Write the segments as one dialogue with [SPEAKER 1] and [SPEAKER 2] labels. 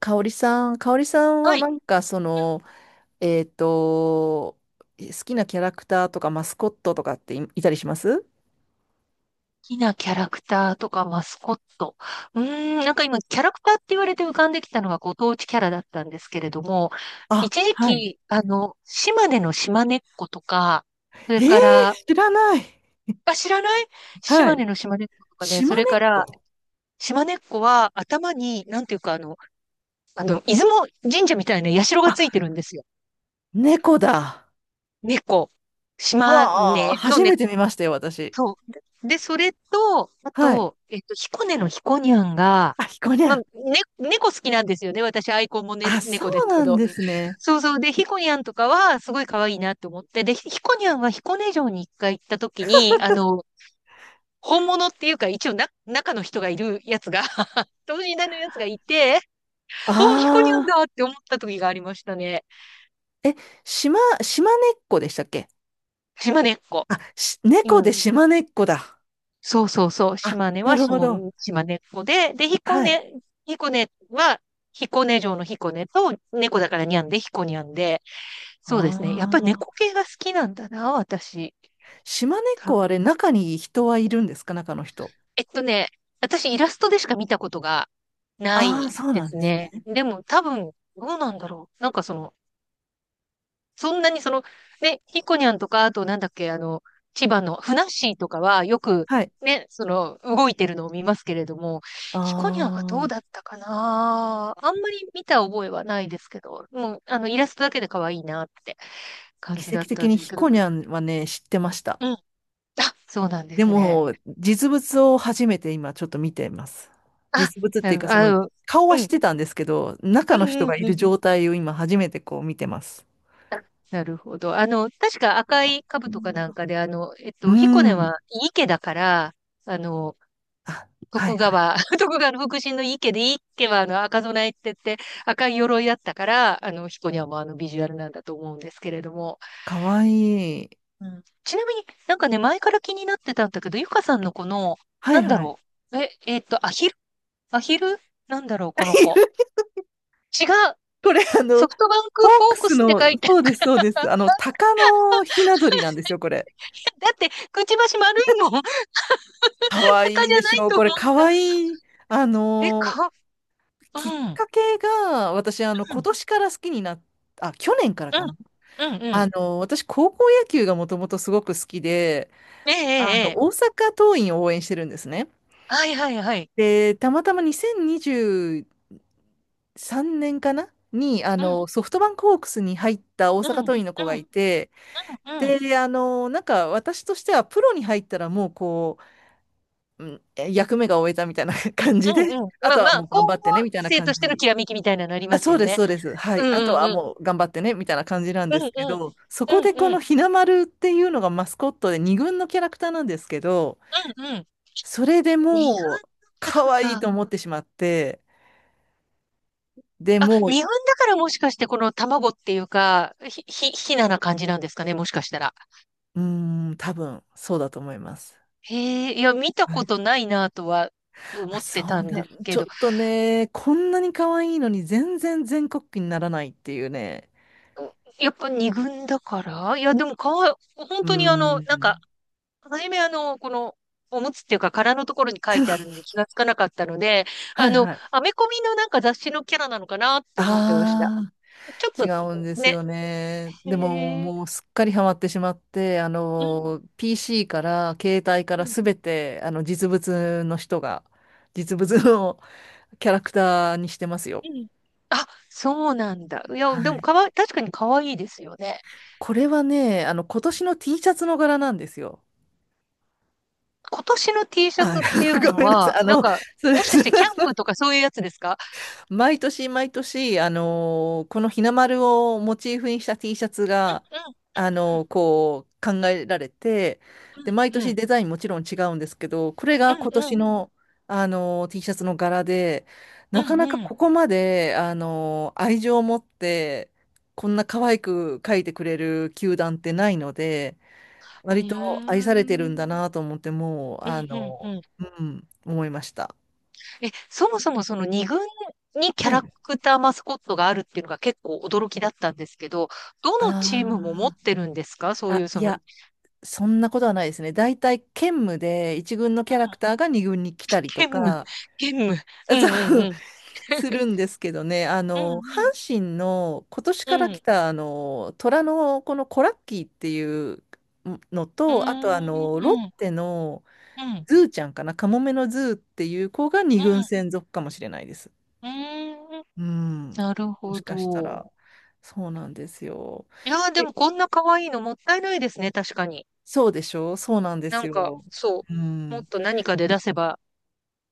[SPEAKER 1] 香織さん、香織さんは
[SPEAKER 2] はい。好
[SPEAKER 1] えっと、好きなキャラクターとかマスコットとかっていたりします？
[SPEAKER 2] きなキャラクターとかマスコット。うーん、なんか今、キャラクターって言われて浮かんできたのがご当地キャラだったんですけれども、
[SPEAKER 1] あ、
[SPEAKER 2] 一時期、島根の島根っ子とか、そ
[SPEAKER 1] え
[SPEAKER 2] れ
[SPEAKER 1] ー、
[SPEAKER 2] から、
[SPEAKER 1] 知らない。
[SPEAKER 2] あ、知らない。
[SPEAKER 1] は
[SPEAKER 2] 島根
[SPEAKER 1] い。
[SPEAKER 2] の島根っ子とかね、そ
[SPEAKER 1] 島根
[SPEAKER 2] れ
[SPEAKER 1] っ
[SPEAKER 2] から、
[SPEAKER 1] こ。
[SPEAKER 2] 島根っ子は頭に、なんていうか、出雲神社みたいな社が
[SPEAKER 1] あ、
[SPEAKER 2] ついてるんですよ。
[SPEAKER 1] 猫だ。
[SPEAKER 2] 猫。島
[SPEAKER 1] はあ、
[SPEAKER 2] 根の
[SPEAKER 1] 初め
[SPEAKER 2] 猫。
[SPEAKER 1] て見ましたよ、私。
[SPEAKER 2] そう。で、それと、あ
[SPEAKER 1] はい。
[SPEAKER 2] と、彦根の彦にゃんが、
[SPEAKER 1] あ、ひこにゃ
[SPEAKER 2] まあ、
[SPEAKER 1] ん。
[SPEAKER 2] ね、猫好きなんですよね。私、アイコンもね、
[SPEAKER 1] あ、そ
[SPEAKER 2] 猫で
[SPEAKER 1] う
[SPEAKER 2] すけ
[SPEAKER 1] なん
[SPEAKER 2] ど。
[SPEAKER 1] ですね。
[SPEAKER 2] そうそう。で、彦にゃんとかは、すごい可愛いなって思って。で、彦にゃんは彦根城に一回行った時に、本物っていうか、一応な、中の人がいるやつが 等身大 のやつがいて、おー、彦にゃん
[SPEAKER 1] ああ、
[SPEAKER 2] だって思った時がありましたね。
[SPEAKER 1] え、島根っこでしたっけ？
[SPEAKER 2] 島根っこ。う
[SPEAKER 1] 猫
[SPEAKER 2] ん。
[SPEAKER 1] で島根っこだ。
[SPEAKER 2] そうそうそう。
[SPEAKER 1] あ、なるほど。
[SPEAKER 2] 島根っ子で、彦
[SPEAKER 1] はい。
[SPEAKER 2] 根、彦根は、彦根城の彦根と、猫だからにゃんで、彦にゃんで。そうですね。やっぱり
[SPEAKER 1] あ、
[SPEAKER 2] 猫系が好きなんだな、私。
[SPEAKER 1] 島根っ
[SPEAKER 2] 多
[SPEAKER 1] こは
[SPEAKER 2] 分。
[SPEAKER 1] あれ、中に人はいるんですか、中の人。
[SPEAKER 2] えっとね、私イラストでしか見たことがな
[SPEAKER 1] ああ、
[SPEAKER 2] い
[SPEAKER 1] そう
[SPEAKER 2] で
[SPEAKER 1] なん
[SPEAKER 2] す
[SPEAKER 1] です
[SPEAKER 2] ね。
[SPEAKER 1] ね。
[SPEAKER 2] でも多分、どうなんだろう。なんかその、そんなにその、ね、ヒコニャンとか、あとなんだっけ、あの、千葉のふなっしーとかはよく
[SPEAKER 1] はい。
[SPEAKER 2] ね、その、動いてるのを見ますけれども、
[SPEAKER 1] あ
[SPEAKER 2] ヒコニャンはどう
[SPEAKER 1] あ、
[SPEAKER 2] だったかなあんまり見た覚えはないですけど、もう、イラストだけで可愛いなって感じ
[SPEAKER 1] 奇
[SPEAKER 2] だっ
[SPEAKER 1] 跡
[SPEAKER 2] た
[SPEAKER 1] 的
[SPEAKER 2] ん
[SPEAKER 1] に
[SPEAKER 2] です
[SPEAKER 1] ひ
[SPEAKER 2] けど、
[SPEAKER 1] こにゃんはね、知ってました。
[SPEAKER 2] うん。あ、そうなんで
[SPEAKER 1] で
[SPEAKER 2] すね。
[SPEAKER 1] も、実物を初めて今ちょっと見ています。
[SPEAKER 2] あ、
[SPEAKER 1] 実物っ
[SPEAKER 2] な
[SPEAKER 1] ていう
[SPEAKER 2] る、
[SPEAKER 1] か、そ
[SPEAKER 2] あ
[SPEAKER 1] の、
[SPEAKER 2] の、
[SPEAKER 1] 顔は
[SPEAKER 2] う
[SPEAKER 1] 知っ
[SPEAKER 2] ん、
[SPEAKER 1] てたんですけど、中
[SPEAKER 2] う
[SPEAKER 1] の人
[SPEAKER 2] ん、う
[SPEAKER 1] がい
[SPEAKER 2] ん、う
[SPEAKER 1] る
[SPEAKER 2] ん。
[SPEAKER 1] 状態を今初めてこう見てます。
[SPEAKER 2] あなるほど。確か赤い兜かなんかで、
[SPEAKER 1] う
[SPEAKER 2] ヒコネ
[SPEAKER 1] ん。
[SPEAKER 2] は池だから、あの、
[SPEAKER 1] あ、はいはい。
[SPEAKER 2] 徳川の福神の池で、池はあの赤備えって言って赤い鎧だったから、彦にはもうあのビジュアルなんだと思うんですけれども。
[SPEAKER 1] かわいい。
[SPEAKER 2] うん。ちなみになんかね、前から気になってたんだけど、ゆかさんのこの、
[SPEAKER 1] は
[SPEAKER 2] な
[SPEAKER 1] い
[SPEAKER 2] んだ
[SPEAKER 1] はい。
[SPEAKER 2] ろう。アヒルなんだろう、この子。違う。
[SPEAKER 1] これ、あの、
[SPEAKER 2] ソフトバン
[SPEAKER 1] ホ
[SPEAKER 2] ク
[SPEAKER 1] ー
[SPEAKER 2] フォー
[SPEAKER 1] ク
[SPEAKER 2] ク
[SPEAKER 1] ス
[SPEAKER 2] スって
[SPEAKER 1] の、
[SPEAKER 2] 書いて、
[SPEAKER 1] そうです、そうです。あの、鷹のひな鳥なんですよ、これ。
[SPEAKER 2] だって、くちばし丸いもん。
[SPEAKER 1] かわい
[SPEAKER 2] 鷹
[SPEAKER 1] い
[SPEAKER 2] じ
[SPEAKER 1] で
[SPEAKER 2] ゃな
[SPEAKER 1] し
[SPEAKER 2] い
[SPEAKER 1] ょう、
[SPEAKER 2] と思
[SPEAKER 1] これ。
[SPEAKER 2] っ
[SPEAKER 1] か
[SPEAKER 2] た。
[SPEAKER 1] わいい。あ
[SPEAKER 2] え、
[SPEAKER 1] のー
[SPEAKER 2] か、う
[SPEAKER 1] きっ
[SPEAKER 2] ん、うん、
[SPEAKER 1] かけが、私、あの、今年から好きになっ、あ、去年から
[SPEAKER 2] うん、
[SPEAKER 1] かな。
[SPEAKER 2] うん、うん。
[SPEAKER 1] 私、高校野球がもともとすごく好きで、
[SPEAKER 2] ええ、え
[SPEAKER 1] あ
[SPEAKER 2] え、
[SPEAKER 1] の、
[SPEAKER 2] え
[SPEAKER 1] 大
[SPEAKER 2] え
[SPEAKER 1] 阪桐蔭を応援してるんですね。
[SPEAKER 2] はいはいはい。
[SPEAKER 1] で、たまたま2023年かなに、あ
[SPEAKER 2] うん、
[SPEAKER 1] の、ソフトバンクホークスに入った大
[SPEAKER 2] う
[SPEAKER 1] 阪
[SPEAKER 2] ん、うん。
[SPEAKER 1] 桐蔭の子がいて、
[SPEAKER 2] うん。うん
[SPEAKER 1] で、あの、なんか私としてはプロに入ったらもうこう、うん、え役目が終えたみたいな 感
[SPEAKER 2] う
[SPEAKER 1] じで、
[SPEAKER 2] ん。
[SPEAKER 1] あ
[SPEAKER 2] まあ
[SPEAKER 1] と
[SPEAKER 2] ま
[SPEAKER 1] はも
[SPEAKER 2] あ、
[SPEAKER 1] う頑
[SPEAKER 2] 高
[SPEAKER 1] 張っ
[SPEAKER 2] 校
[SPEAKER 1] てねみたいな
[SPEAKER 2] 生と
[SPEAKER 1] 感
[SPEAKER 2] しての
[SPEAKER 1] じ。
[SPEAKER 2] きらめきみたいなのあり
[SPEAKER 1] あ、
[SPEAKER 2] ます
[SPEAKER 1] そう
[SPEAKER 2] よ
[SPEAKER 1] です、
[SPEAKER 2] ね。
[SPEAKER 1] そうです。は
[SPEAKER 2] う
[SPEAKER 1] い。
[SPEAKER 2] ん
[SPEAKER 1] あと
[SPEAKER 2] うん
[SPEAKER 1] は
[SPEAKER 2] うん。
[SPEAKER 1] もう頑張ってねみたいな感じなん
[SPEAKER 2] う
[SPEAKER 1] で
[SPEAKER 2] ん
[SPEAKER 1] すけ
[SPEAKER 2] うん。
[SPEAKER 1] ど、そこ
[SPEAKER 2] うん
[SPEAKER 1] でこ
[SPEAKER 2] う
[SPEAKER 1] の
[SPEAKER 2] ん。
[SPEAKER 1] ひなまるっていうのがマスコットで二軍のキャラクターなんですけど、
[SPEAKER 2] うんうん。
[SPEAKER 1] それで
[SPEAKER 2] 日本の
[SPEAKER 1] もう
[SPEAKER 2] キャラ
[SPEAKER 1] 可
[SPEAKER 2] クタ
[SPEAKER 1] 愛い
[SPEAKER 2] ー。
[SPEAKER 1] と思ってしまって、で
[SPEAKER 2] あ、
[SPEAKER 1] も
[SPEAKER 2] 日本だ
[SPEAKER 1] う、
[SPEAKER 2] からもしかしてこの卵っていうか、ひなな感じなんですかね、もしかしたら。
[SPEAKER 1] うーん、多分そうだと思います。
[SPEAKER 2] へえ、いや、見た
[SPEAKER 1] は
[SPEAKER 2] こ
[SPEAKER 1] い。
[SPEAKER 2] とないなとは思
[SPEAKER 1] あ、
[SPEAKER 2] っ
[SPEAKER 1] そ
[SPEAKER 2] てた
[SPEAKER 1] う
[SPEAKER 2] ん
[SPEAKER 1] だ。
[SPEAKER 2] です
[SPEAKER 1] ち
[SPEAKER 2] け
[SPEAKER 1] ょっ
[SPEAKER 2] ど、
[SPEAKER 1] とね、こんなに可愛いのに全然全国区にならないっていうね。
[SPEAKER 2] やっぱ二軍だからいや、でもかわい、本
[SPEAKER 1] う
[SPEAKER 2] 当にあ
[SPEAKER 1] ー
[SPEAKER 2] の、なんか
[SPEAKER 1] ん。
[SPEAKER 2] はじめあのこのおむつっていうか殻のところに書いてあるの気がつかなかったので
[SPEAKER 1] は
[SPEAKER 2] あ
[SPEAKER 1] い
[SPEAKER 2] の
[SPEAKER 1] はい。
[SPEAKER 2] アメコミのなんか雑誌のキャラなのかなって思ってました
[SPEAKER 1] ああ、
[SPEAKER 2] ちょっ
[SPEAKER 1] 違うんで
[SPEAKER 2] と
[SPEAKER 1] す
[SPEAKER 2] ね
[SPEAKER 1] よね。
[SPEAKER 2] う
[SPEAKER 1] でも、も
[SPEAKER 2] ん
[SPEAKER 1] うすっかりハマってしまって、あの、PC から、携帯
[SPEAKER 2] う
[SPEAKER 1] から
[SPEAKER 2] ん
[SPEAKER 1] すべて、あの、実物の キャラクターにしてますよ。
[SPEAKER 2] うんあそうなんだいや
[SPEAKER 1] は
[SPEAKER 2] でも
[SPEAKER 1] い。
[SPEAKER 2] かわ確かに可愛いですよね
[SPEAKER 1] これはね、あの、今年の T シャツの柄なんですよ。
[SPEAKER 2] 今年の T シャ
[SPEAKER 1] あ、
[SPEAKER 2] ツっていう
[SPEAKER 1] ご
[SPEAKER 2] の
[SPEAKER 1] めんなさい。
[SPEAKER 2] は
[SPEAKER 1] あ
[SPEAKER 2] なん
[SPEAKER 1] の、
[SPEAKER 2] か
[SPEAKER 1] そうで
[SPEAKER 2] もし
[SPEAKER 1] す。
[SPEAKER 2] かしてキャンプとかそういうやつですか
[SPEAKER 1] 毎年毎年、この日の丸をモチーフにした T シャツ
[SPEAKER 2] う
[SPEAKER 1] が、
[SPEAKER 2] ん
[SPEAKER 1] こう考えられて、で、毎
[SPEAKER 2] うんう
[SPEAKER 1] 年
[SPEAKER 2] ん
[SPEAKER 1] デザインもちろん違うんですけど、これ
[SPEAKER 2] う
[SPEAKER 1] が今年
[SPEAKER 2] ん
[SPEAKER 1] の、T シャツの柄で、
[SPEAKER 2] うん
[SPEAKER 1] なかな
[SPEAKER 2] う
[SPEAKER 1] か
[SPEAKER 2] んうん
[SPEAKER 1] ここまで、愛情を持って、こんな可愛く描いてくれる球団ってないので、
[SPEAKER 2] うん
[SPEAKER 1] 割と
[SPEAKER 2] うん
[SPEAKER 1] 愛されて
[SPEAKER 2] う
[SPEAKER 1] るん
[SPEAKER 2] ん
[SPEAKER 1] だなと思って、もう、
[SPEAKER 2] う
[SPEAKER 1] あ
[SPEAKER 2] んうん
[SPEAKER 1] の
[SPEAKER 2] うん
[SPEAKER 1] ーうん、思いました。
[SPEAKER 2] え、そもそもその二軍にキャ
[SPEAKER 1] はい。
[SPEAKER 2] ラクターマスコットがあるっていうのが結構驚きだったんですけど、どのチームも持っ
[SPEAKER 1] あ
[SPEAKER 2] てるんですかそ
[SPEAKER 1] あ。
[SPEAKER 2] うい
[SPEAKER 1] あ、
[SPEAKER 2] うそ
[SPEAKER 1] い
[SPEAKER 2] の、うん、
[SPEAKER 1] や、そんなことはないですね。大体兼務で一軍のキャラクターが二軍に来たりと
[SPEAKER 2] 兼務、
[SPEAKER 1] か、
[SPEAKER 2] 兼務。う んう
[SPEAKER 1] そ
[SPEAKER 2] ん
[SPEAKER 1] う、
[SPEAKER 2] うん。
[SPEAKER 1] するんですけどね、あ
[SPEAKER 2] う
[SPEAKER 1] の、阪
[SPEAKER 2] ん
[SPEAKER 1] 神の今年
[SPEAKER 2] う
[SPEAKER 1] か
[SPEAKER 2] ん
[SPEAKER 1] ら
[SPEAKER 2] う
[SPEAKER 1] 来
[SPEAKER 2] ん。
[SPEAKER 1] た、あの、虎のこのコラッキーっていうの
[SPEAKER 2] うー
[SPEAKER 1] と、あとあ
[SPEAKER 2] ん
[SPEAKER 1] の、ロッ
[SPEAKER 2] うん
[SPEAKER 1] テの
[SPEAKER 2] うん
[SPEAKER 1] ズーちゃんかな、カモメのズーっていう子が
[SPEAKER 2] う
[SPEAKER 1] 二軍
[SPEAKER 2] ん
[SPEAKER 1] 専属かもしれないです。
[SPEAKER 2] うーん
[SPEAKER 1] うん。
[SPEAKER 2] なる
[SPEAKER 1] も
[SPEAKER 2] ほ
[SPEAKER 1] しかした
[SPEAKER 2] ど。
[SPEAKER 1] ら、そうなんですよ。
[SPEAKER 2] いやー、で
[SPEAKER 1] え、
[SPEAKER 2] もこんな可愛いのもったいないですね、確かに。
[SPEAKER 1] そうでしょう、そうなんで
[SPEAKER 2] な
[SPEAKER 1] す
[SPEAKER 2] んか、
[SPEAKER 1] よ。
[SPEAKER 2] そ
[SPEAKER 1] う
[SPEAKER 2] う。もっ
[SPEAKER 1] ん。
[SPEAKER 2] と何かで出せば、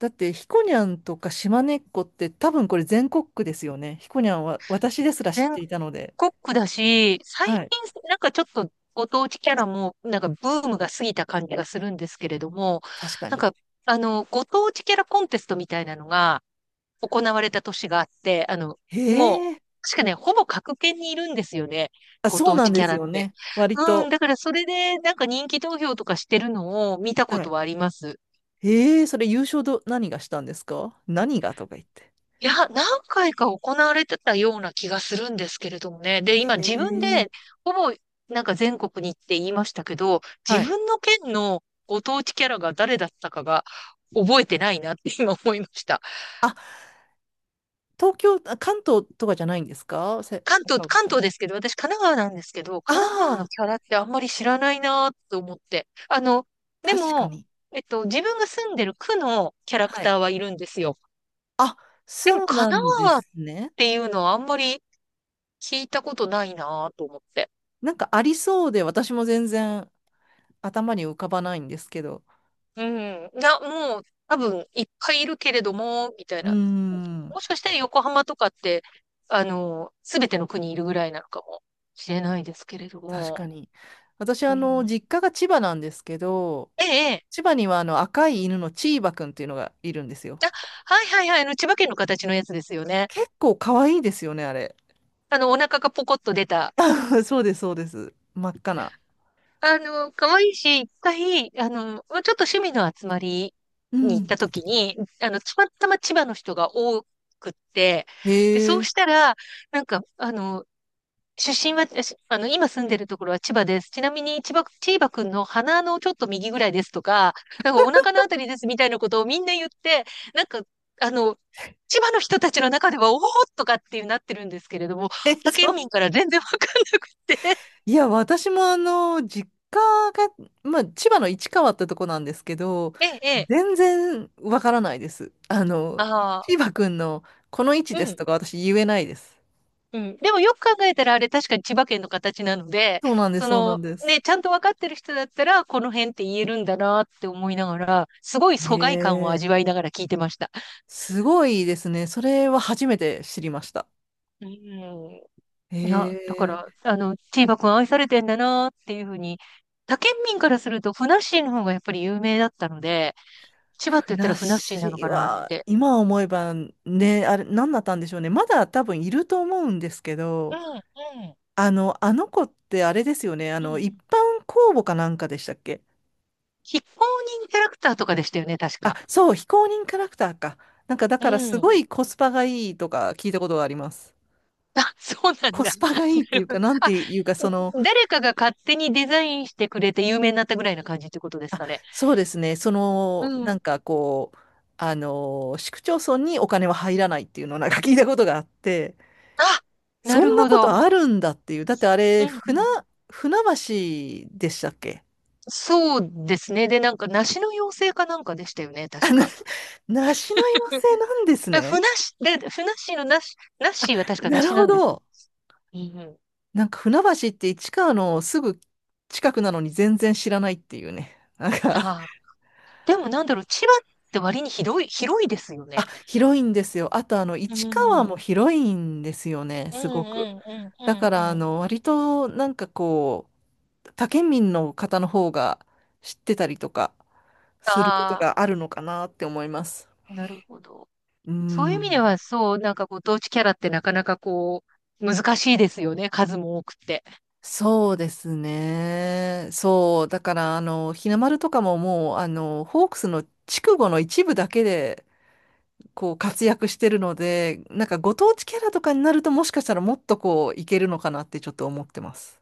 [SPEAKER 1] だって、ひこにゃんとか島根っこって多分これ全国区ですよね。ひこにゃんは私ですら知っ
[SPEAKER 2] 全
[SPEAKER 1] ていたので。
[SPEAKER 2] コックだし、最近、
[SPEAKER 1] はい。
[SPEAKER 2] なんかちょっとご当地キャラも、なんかブームが過ぎた感じがするんですけれども、
[SPEAKER 1] 確か
[SPEAKER 2] なん
[SPEAKER 1] に。
[SPEAKER 2] か、ご当地キャラコンテストみたいなのが行われた年があって、
[SPEAKER 1] へ
[SPEAKER 2] もう、
[SPEAKER 1] え。
[SPEAKER 2] 確かね、ほぼ各県にいるんですよね。
[SPEAKER 1] あ、
[SPEAKER 2] ご
[SPEAKER 1] そう
[SPEAKER 2] 当
[SPEAKER 1] な
[SPEAKER 2] 地
[SPEAKER 1] ん
[SPEAKER 2] キ
[SPEAKER 1] で
[SPEAKER 2] ャ
[SPEAKER 1] す
[SPEAKER 2] ラっ
[SPEAKER 1] よ
[SPEAKER 2] て。
[SPEAKER 1] ね。割
[SPEAKER 2] うん、
[SPEAKER 1] と。
[SPEAKER 2] だからそれで、なんか人気投票とかしてるのを見たこ
[SPEAKER 1] は
[SPEAKER 2] と
[SPEAKER 1] い。
[SPEAKER 2] はあります。
[SPEAKER 1] へえ、それ優勝何がしたんですか、何がとか言って。
[SPEAKER 2] いや、何回か行われてたような気がするんですけれどもね。で、今
[SPEAKER 1] へ
[SPEAKER 2] 自分で、
[SPEAKER 1] え。
[SPEAKER 2] ほぼ、なんか全国に行って言いましたけど、
[SPEAKER 1] は
[SPEAKER 2] 自
[SPEAKER 1] い。
[SPEAKER 2] 分の県のご当地キャラが誰だったかが覚えてないなって今思いました。
[SPEAKER 1] あ、東京、あ関東とかじゃないんですか、
[SPEAKER 2] 関東、
[SPEAKER 1] 赤荻
[SPEAKER 2] 関
[SPEAKER 1] さん。
[SPEAKER 2] 東ですけど、私神奈川なんですけど、
[SPEAKER 1] あ
[SPEAKER 2] 神奈川の
[SPEAKER 1] あ、
[SPEAKER 2] キャラってあんまり知らないなと思って。あの、で
[SPEAKER 1] 確か
[SPEAKER 2] も、
[SPEAKER 1] に。
[SPEAKER 2] 自分が住んでる区のキャラク
[SPEAKER 1] はい。
[SPEAKER 2] ターはいるんですよ。
[SPEAKER 1] あ、
[SPEAKER 2] でも
[SPEAKER 1] そう
[SPEAKER 2] 神
[SPEAKER 1] な
[SPEAKER 2] 奈
[SPEAKER 1] んで
[SPEAKER 2] 川っ
[SPEAKER 1] すね。
[SPEAKER 2] ていうのはあんまり聞いたことないなと思って。
[SPEAKER 1] なんかありそうで、私も全然頭に浮かばないんですけど。
[SPEAKER 2] うん。いや、もう、多分、いっぱいいるけれども、みたい
[SPEAKER 1] うー
[SPEAKER 2] な。
[SPEAKER 1] ん、
[SPEAKER 2] もしかしたら横浜とかって、すべての国いるぐらいなのかもしれないですけれど
[SPEAKER 1] 確
[SPEAKER 2] も。
[SPEAKER 1] かに。私、
[SPEAKER 2] う
[SPEAKER 1] あの、
[SPEAKER 2] ん。
[SPEAKER 1] 実家が千葉なんですけど、
[SPEAKER 2] ええ、ええ。
[SPEAKER 1] 千葉にはあの赤い犬のチーバくんっていうのがいるんですよ。
[SPEAKER 2] あ、はいはいはい。あの千葉県の形のやつですよね。
[SPEAKER 1] 結構可愛いですよね、あれ。
[SPEAKER 2] お腹がポコッと出た。
[SPEAKER 1] そうです、そうです。真っ赤な。
[SPEAKER 2] 可愛いし、一回、まあちょっと趣味の集まり
[SPEAKER 1] う
[SPEAKER 2] に行っ
[SPEAKER 1] ん。
[SPEAKER 2] た時に、たまたま千葉の人が多くって、で、
[SPEAKER 1] へ
[SPEAKER 2] そう
[SPEAKER 1] え。
[SPEAKER 2] したら、なんか、出身は、しあの、今住んでるところは千葉です。ちなみに、千葉くんの鼻のちょっと右ぐらいですとか、なんかお腹のあたりですみたいなことをみんな言って、なんか、あの、千葉の人たちの中では、おおとかっていうなってるんですけれども、
[SPEAKER 1] え、
[SPEAKER 2] 他
[SPEAKER 1] そ
[SPEAKER 2] 県民
[SPEAKER 1] う。
[SPEAKER 2] から全然わかんなくて。
[SPEAKER 1] いや、私もあの、実家が、まあ、千葉の市川ってとこなんですけど、
[SPEAKER 2] ええ、ええ、
[SPEAKER 1] 全然わからないです。あの、
[SPEAKER 2] ああ、
[SPEAKER 1] 千葉くんのこの位置
[SPEAKER 2] う
[SPEAKER 1] です
[SPEAKER 2] ん、
[SPEAKER 1] とか私言えないです。
[SPEAKER 2] うん。でもよく考えたら、あれ確かに千葉県の形なので、
[SPEAKER 1] そうなんです、
[SPEAKER 2] そ
[SPEAKER 1] そうなん
[SPEAKER 2] の、
[SPEAKER 1] です。
[SPEAKER 2] ね、ちゃんとわかってる人だったら、この辺って言えるんだなって思いながら、すごい疎外感を
[SPEAKER 1] へ、
[SPEAKER 2] 味わいながら聞いてました。
[SPEAKER 1] すごいですね。それは初めて知りました。
[SPEAKER 2] うん。
[SPEAKER 1] へ
[SPEAKER 2] いや、だから、
[SPEAKER 1] え。
[SPEAKER 2] チーバくん愛されてんだなっていうふうに、他県民からすると、ふなっしーの方がやっぱり有名だったので、千葉って
[SPEAKER 1] ふ
[SPEAKER 2] 言った
[SPEAKER 1] な
[SPEAKER 2] ら
[SPEAKER 1] っ
[SPEAKER 2] ふなっしー
[SPEAKER 1] し
[SPEAKER 2] なの
[SPEAKER 1] ー
[SPEAKER 2] かなっ
[SPEAKER 1] は、
[SPEAKER 2] て。
[SPEAKER 1] 今思えばね、あれ、何だったんでしょうね。まだ多分いると思うんですけ
[SPEAKER 2] う
[SPEAKER 1] ど、
[SPEAKER 2] ん、うん、
[SPEAKER 1] あの、あの子ってあれですよね。あ
[SPEAKER 2] う
[SPEAKER 1] の、
[SPEAKER 2] ん。
[SPEAKER 1] 一般公募かなんかでしたっけ？
[SPEAKER 2] 非公認キャラクターとかでしたよね、確
[SPEAKER 1] あ、
[SPEAKER 2] か。
[SPEAKER 1] そう、非公認キャラクターか。なんか、だ
[SPEAKER 2] う
[SPEAKER 1] からす
[SPEAKER 2] ん。
[SPEAKER 1] ごいコスパがいいとか聞いたことがあります。
[SPEAKER 2] あ、そうなん
[SPEAKER 1] コ
[SPEAKER 2] だ。
[SPEAKER 1] スパがいいって
[SPEAKER 2] な
[SPEAKER 1] い
[SPEAKER 2] る
[SPEAKER 1] う
[SPEAKER 2] ほ
[SPEAKER 1] か、
[SPEAKER 2] ど
[SPEAKER 1] なんて
[SPEAKER 2] あ、
[SPEAKER 1] いうか、その、
[SPEAKER 2] 誰かが勝手にデザインしてくれて有名になったぐらいな感じってことです
[SPEAKER 1] あ、
[SPEAKER 2] かね。
[SPEAKER 1] そうですね。そ
[SPEAKER 2] う
[SPEAKER 1] の、なん
[SPEAKER 2] ん。
[SPEAKER 1] かこう、あの、市区町村にお金は入らないっていうのをなんか聞いたことがあって、
[SPEAKER 2] あ、な
[SPEAKER 1] そ
[SPEAKER 2] る
[SPEAKER 1] んな
[SPEAKER 2] ほ
[SPEAKER 1] こ
[SPEAKER 2] ど。
[SPEAKER 1] とあるんだっていう。だってあ
[SPEAKER 2] う
[SPEAKER 1] れ、
[SPEAKER 2] んうん。
[SPEAKER 1] 船橋でしたっけ？
[SPEAKER 2] そうですね。で、なんか、梨の妖精かなんかでしたよね、確か。
[SPEAKER 1] 梨の寄せなんです
[SPEAKER 2] え、
[SPEAKER 1] ね。
[SPEAKER 2] ふなっしーのなし、なっしーは確かな
[SPEAKER 1] な
[SPEAKER 2] し
[SPEAKER 1] る
[SPEAKER 2] な
[SPEAKER 1] ほ
[SPEAKER 2] んですよ。
[SPEAKER 1] ど。
[SPEAKER 2] うんうん。
[SPEAKER 1] なんか船橋って市川のすぐ近くなのに全然知らないっていうね。なんか
[SPEAKER 2] ああ。でもなんだろう、千葉って割に広い、広いですよ
[SPEAKER 1] あ、
[SPEAKER 2] ね。
[SPEAKER 1] 広いんですよ。あとあの、
[SPEAKER 2] うん
[SPEAKER 1] 市
[SPEAKER 2] う
[SPEAKER 1] 川も
[SPEAKER 2] ん。
[SPEAKER 1] 広いんですよね、
[SPEAKER 2] うん
[SPEAKER 1] すごく。
[SPEAKER 2] うんうんう
[SPEAKER 1] だか
[SPEAKER 2] んう
[SPEAKER 1] らあ
[SPEAKER 2] ん。
[SPEAKER 1] の、割となんかこう、他県民の方の方が知ってたりとかすること
[SPEAKER 2] あ
[SPEAKER 1] があるのかなって思います。
[SPEAKER 2] あ、なるほど。
[SPEAKER 1] う
[SPEAKER 2] そういう意味で
[SPEAKER 1] ん。
[SPEAKER 2] は、そう、なんかご当地キャラってなかなかこう、難しいですよね。数も多くて。
[SPEAKER 1] そうですね。そう。だから、あの、日の丸とかももう、あの、ホークスの筑後の一部だけで、こう、活躍してるので、なんかご当地キャラとかになると、もしかしたらもっとこう、いけるのかなってちょっと思ってます。